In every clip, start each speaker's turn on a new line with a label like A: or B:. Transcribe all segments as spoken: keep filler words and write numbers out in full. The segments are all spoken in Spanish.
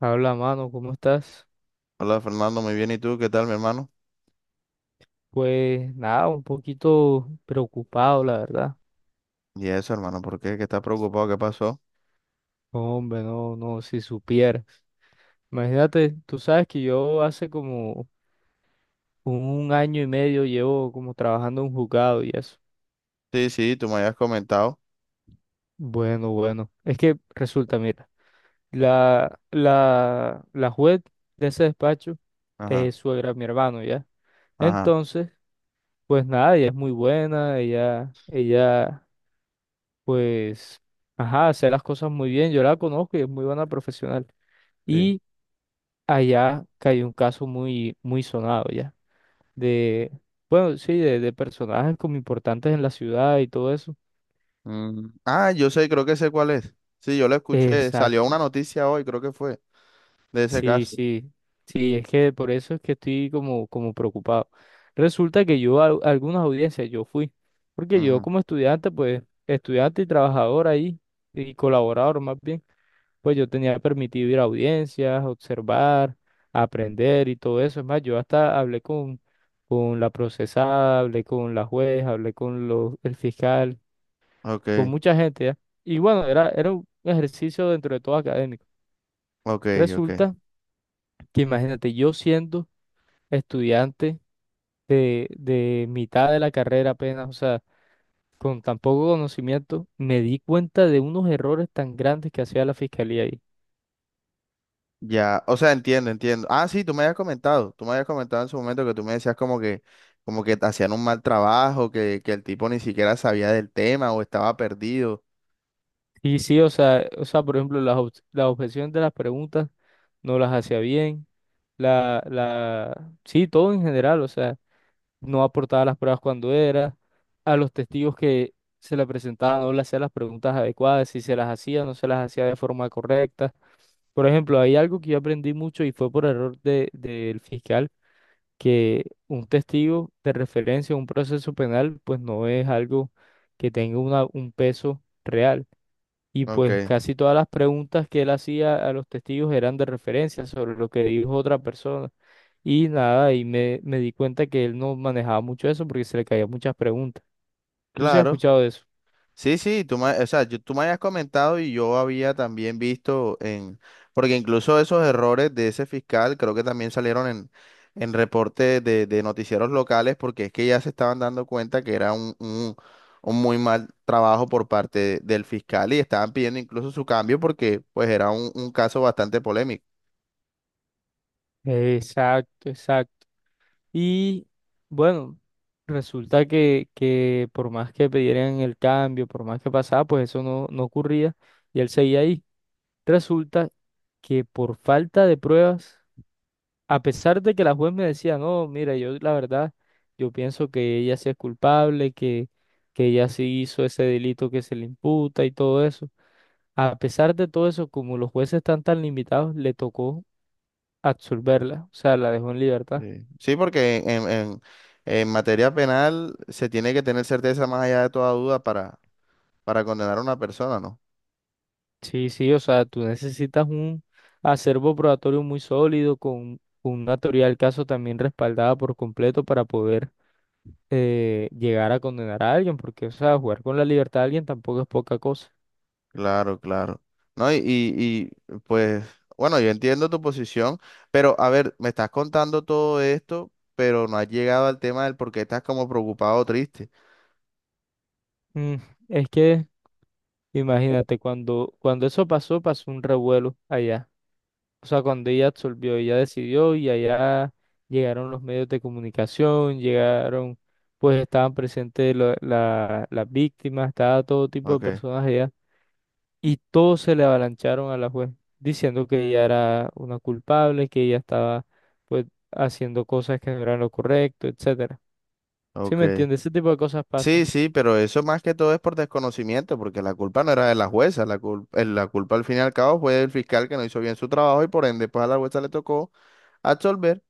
A: Habla, mano, ¿cómo estás?
B: Hola Fernando, muy bien. ¿Y tú qué tal, mi hermano?
A: Pues nada, un poquito preocupado, la verdad.
B: Y eso, hermano, ¿por qué? ¿Qué estás preocupado? ¿Qué pasó?
A: Hombre, no, no, si supieras. Imagínate, tú sabes que yo hace como un año y medio llevo como trabajando en un juzgado y eso.
B: Sí, sí, tú me habías comentado.
A: Bueno, bueno. Es que resulta, mira, la, la, la juez de ese despacho
B: Ajá,
A: es suegra de mi hermano, ¿ya?
B: ajá,
A: Entonces, pues nada, ella es muy buena, ella, ella pues, ajá, hacer las cosas muy bien. Yo la conozco y es muy buena profesional.
B: sí.
A: Y allá cayó un caso muy, muy sonado ya, de, bueno, sí, de, de personajes como importantes en la ciudad y todo eso.
B: Mm, ah, yo sé, creo que sé cuál es. Sí, yo lo escuché. Salió una
A: Exacto.
B: noticia hoy, creo que fue, de ese
A: Sí,
B: caso.
A: sí, sí, es que por eso es que estoy como, como preocupado. Resulta que yo a a algunas audiencias yo fui, porque yo
B: Ujú,
A: como estudiante, pues, estudiante y trabajador ahí, y colaborador más bien. Pues yo tenía permitido ir a audiencias, observar, aprender y todo eso. Es más, yo hasta hablé con, con la procesada, hablé con la juez, hablé con los, el fiscal, con
B: Ok,
A: mucha gente, ¿ya? Y bueno, era, era un ejercicio dentro de todo académico.
B: ok, ok.
A: Resulta que imagínate, yo siendo estudiante de, de mitad de la carrera apenas, o sea, con tan poco conocimiento, me di cuenta de unos errores tan grandes que hacía la fiscalía ahí.
B: Ya, o sea, entiendo, entiendo. Ah, sí, tú me habías comentado. Tú me habías comentado en su momento que tú me decías como que, como que te hacían un mal trabajo, que, que el tipo ni siquiera sabía del tema o estaba perdido.
A: Y sí, o sea, o sea, por ejemplo, las, ob- las objeciones de las preguntas no las hacía bien. La, la, sí, todo en general, o sea, no aportaba las pruebas cuando era. A los testigos que se le presentaban no le hacía las preguntas adecuadas, si se las hacía, no se las hacía de forma correcta. Por ejemplo, hay algo que yo aprendí mucho y fue por error de, del fiscal, que un testigo de referencia a un proceso penal, pues no es algo que tenga una, un peso real. Y
B: Ok,
A: pues casi todas las preguntas que él hacía a los testigos eran de referencia sobre lo que dijo otra persona. Y nada, y me, me di cuenta que él no manejaba mucho eso porque se le caían muchas preguntas. ¿Tú sí has
B: claro.
A: escuchado de eso?
B: Sí, sí, tú me, o sea, yo- tú me habías comentado y yo había también visto en, porque incluso esos errores de ese fiscal creo que también salieron en, en reportes de, de noticieros locales porque es que ya se estaban dando cuenta que era un, un, un muy mal trabajo por parte de- del fiscal y estaban pidiendo incluso su cambio porque pues era un, un caso bastante polémico.
A: Exacto, exacto. Y bueno, resulta que, que por más que pidieran el cambio, por más que pasaba, pues eso no, no ocurría y él seguía ahí. Resulta que por falta de pruebas, a pesar de que la juez me decía, no, mira, yo la verdad, yo pienso que ella sí es culpable, que, que ella sí hizo ese delito que se le imputa y todo eso. A pesar de todo eso, como los jueces están tan limitados, le tocó absolverla, o sea, la dejó en libertad.
B: Sí, sí, porque en, en, en materia penal se tiene que tener certeza más allá de toda duda para, para condenar a una persona, ¿no?
A: Sí, sí, o sea, tú necesitas un acervo probatorio muy sólido, con, con una teoría del caso también respaldada por completo para poder eh, llegar a condenar a alguien, porque, o sea, jugar con la libertad de alguien tampoco es poca cosa.
B: Claro, claro. No, y, y, y, pues, bueno, yo entiendo tu posición, pero a ver, me estás contando todo esto, pero no has llegado al tema del por qué estás como preocupado o triste.
A: Mm, es que imagínate, cuando, cuando eso pasó, pasó un revuelo allá. O sea, cuando ella absolvió, ella decidió y allá llegaron los medios de comunicación, llegaron, pues estaban presentes lo- la- las víctimas, estaba todo tipo de
B: Ok,
A: personas allá. Y todos se le avalancharon a la juez, diciendo que ella era una culpable, que ella estaba, pues, haciendo cosas que no eran lo correcto, etcétera. ¿Sí me
B: ok.
A: entiendes? Ese tipo de cosas pasan.
B: Sí, sí, pero eso más que todo es por desconocimiento, porque la culpa no era de la jueza, la culpa, la culpa al fin y al cabo fue del fiscal que no hizo bien su trabajo y por ende, pues a la jueza le tocó absolver.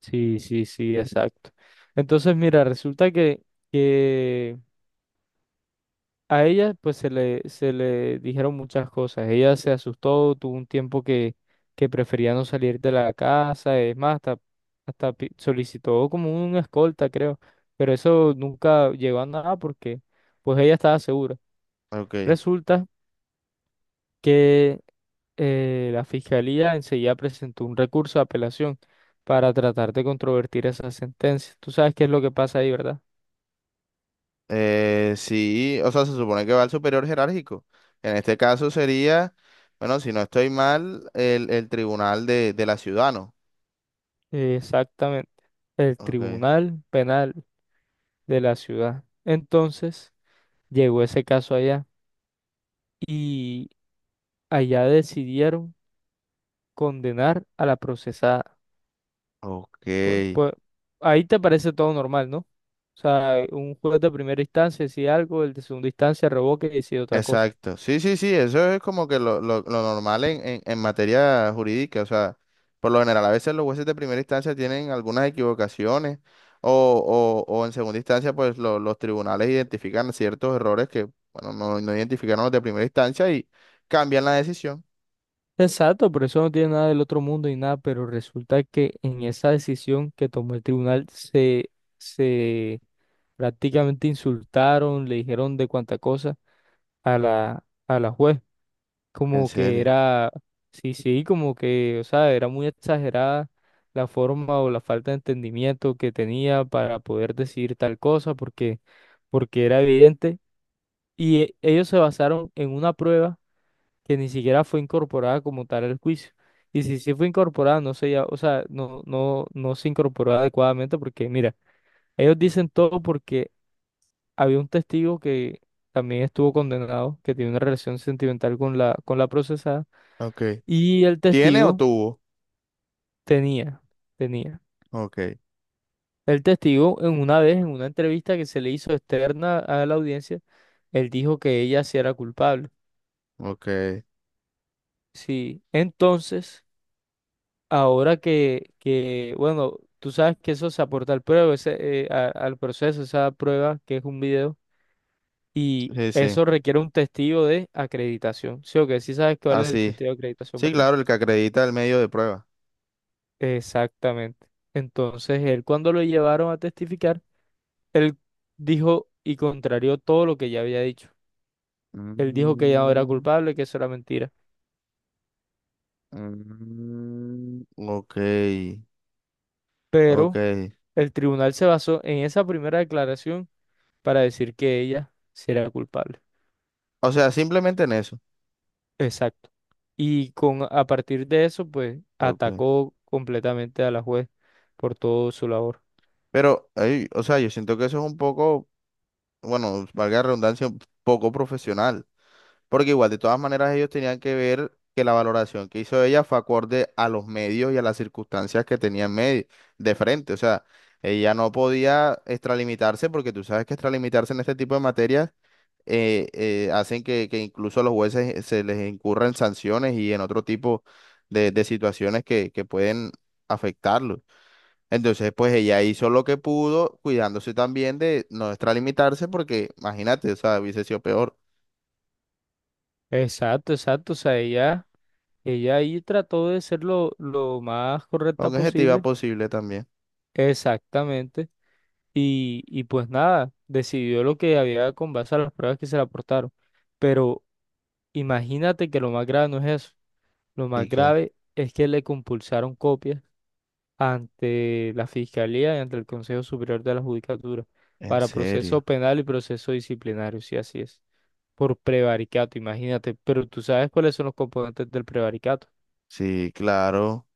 A: Sí, sí, sí, exacto. Entonces, mira, resulta que... que a ella pues se le, se le dijeron muchas cosas. Ella se asustó, tuvo un tiempo que, que prefería no salir de la casa, es más, hasta, hasta pi- solicitó como una escolta, creo, pero eso nunca llegó a nada porque pues ella estaba segura.
B: Ok.
A: Resulta que eh, la fiscalía enseguida presentó un recurso de apelación para tratar de controvertir esa sentencia. Tú sabes qué es lo que pasa ahí, ¿verdad?
B: Eh, sí, o sea, se supone que va al superior jerárquico. En este caso sería, bueno, si no estoy mal, el, el tribunal de, de la ciudad, ¿no?
A: Eh, Exactamente. El
B: Ok,
A: Tribunal Penal de la ciudad. Entonces llegó ese caso allá y allá decidieron condenar a la procesada.
B: ok,
A: Pues, pues, ahí te parece todo normal, ¿no? O sea, un juez de primera instancia decide algo, el de segunda instancia revoca y decide otra cosa.
B: exacto. Sí, sí, sí, eso es como que lo, lo- lo normal en, en, en materia jurídica. O sea, por lo general, a veces los jueces de primera instancia tienen algunas equivocaciones o, o, o en segunda instancia, pues lo- los tribunales identifican ciertos errores que, bueno, no, no identificaron los de primera instancia y cambian la decisión.
A: Exacto, por eso no tiene nada del otro mundo y nada, pero resulta que en esa decisión que tomó el tribunal se, se prácticamente insultaron, le dijeron de cuánta cosa a la, a la juez.
B: En
A: Como que
B: serio.
A: era, sí, sí, como que, o sea, era muy exagerada la forma o la falta de entendimiento que tenía para poder decir tal cosa, porque, porque era evidente. Y e- ellos se basaron en una prueba que ni siquiera fue incorporada como tal al juicio. Y si sí fue incorporada, no se, ya- o sea, no, no, no se incorporó adecuadamente porque, mira, ellos dicen todo porque había un testigo que también estuvo condenado, que tiene una relación sentimental con la, con la procesada.
B: Ok.
A: Y el
B: ¿Tiene o
A: testigo
B: tuvo?
A: tenía, tenía.
B: Ok,
A: El testigo, en una vez, en una entrevista que se le hizo externa a la audiencia, él dijo que ella sí era culpable.
B: ok.
A: Sí. Entonces, ahora que, que, bueno, tú sabes que eso se aporta al prueba, ese, eh, a- al proceso, esa prueba que es un video, y
B: Sí, sí.
A: eso requiere un testigo de acreditación. Sí, o que sí sabes cuál es el
B: Así. Sí,
A: testigo de acreditación,
B: sí,
A: ¿verdad?
B: claro, el que acredita el medio de prueba.
A: Exactamente. Entonces, él cuando lo llevaron a testificar, él dijo y contrarió todo lo que ya había dicho. Él dijo que ella no era
B: Mm,
A: culpable, que eso era mentira.
B: mm, ok, ok.
A: Pero el tribunal se basó en esa primera declaración para decir que ella sí era culpable.
B: O sea, simplemente en eso.
A: Exacto. Y con, a partir de eso, pues
B: Ok.
A: atacó completamente a la juez por todo su labor.
B: Pero, ay, o sea, yo siento que eso es un poco, bueno, valga la redundancia, un poco profesional. Porque igual, de todas maneras, ellos tenían que ver que la valoración que hizo ella fue acorde a los medios y a las circunstancias que tenía en medio, de frente. O sea, ella no podía extralimitarse porque tú sabes que extralimitarse en este tipo de materias eh, eh, hacen que, que, incluso a los jueces se les incurran sanciones y en otro tipo de, de situaciones que, que pueden afectarlos. Entonces, pues ella hizo lo que pudo, cuidándose también de no extralimitarse porque, imagínate, o sea, hubiese sido peor.
A: Exacto, exacto. O sea, ella, ella ahí trató de ser lo, lo más
B: Con
A: correcta
B: objetiva
A: posible.
B: posible también.
A: Exactamente. Y, y pues nada, decidió lo que había con base a las pruebas que se le aportaron. Pero imagínate que lo más grave no es eso. Lo
B: Y
A: más
B: qué,
A: grave es que le compulsaron copias ante la Fiscalía y ante el Consejo Superior de la Judicatura
B: en
A: para
B: serio,
A: proceso penal y proceso disciplinario, si así es, por prevaricato, imagínate. Pero tú sabes cuáles son los componentes del prevaricato.
B: sí, claro,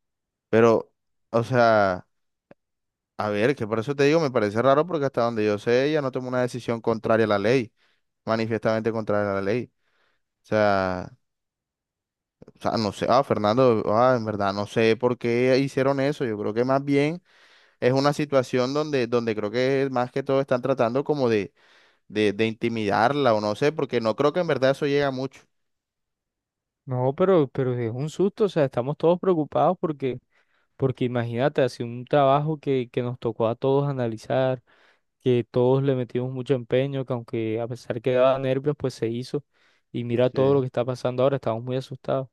B: pero, o sea, a ver, que por eso te digo, me parece raro porque hasta donde yo sé, ella no tomó una decisión contraria a la ley, manifiestamente contraria a la ley. O sea, o sea, no sé, ah, Fernando, ah, en verdad, no sé por qué hicieron eso. Yo creo que más bien es una situación donde, donde, creo que más que todo están tratando como de, de, de intimidarla o no sé, porque no creo que en verdad eso llega mucho.
A: No, pero, pero es un susto, o sea, estamos todos preocupados porque, porque imagínate, hace un trabajo que, que nos tocó a todos analizar, que todos le metimos mucho empeño, que aunque a pesar que daba nervios, pues se hizo. Y mira todo lo
B: Sí.
A: que está pasando ahora, estamos muy asustados.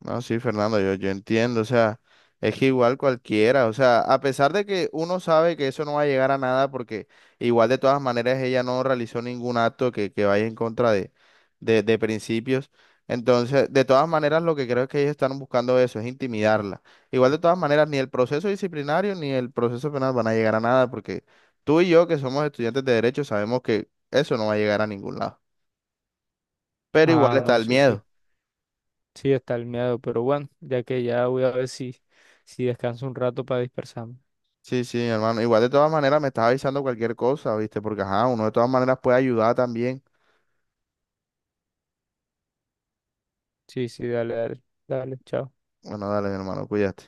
B: No, sí, Fernando, yo, yo entiendo, o sea, es que igual cualquiera, o sea, a pesar de que uno sabe que eso no va a llegar a nada, porque igual de todas maneras ella no realizó ningún acto que, que vaya en contra de, de, de principios, entonces, de todas maneras, lo que creo es que ellos están buscando eso, es intimidarla. Igual de todas maneras, ni el proceso disciplinario ni el proceso penal van a llegar a nada, porque tú y yo, que somos estudiantes de derecho, sabemos que eso no va a llegar a ningún lado, pero igual
A: Ah,
B: está,
A: no,
B: claro, el
A: sí, sí,
B: miedo.
A: sí está el miedo, pero bueno, ya que ya voy a ver si, si descanso un rato para dispersarme.
B: Sí, sí, hermano. Igual de todas maneras me estás avisando cualquier cosa, ¿viste? Porque, ajá, uno de todas maneras puede ayudar también.
A: Sí, sí, dale, dale, dale, chao.
B: Bueno, dale, mi hermano, cuídate.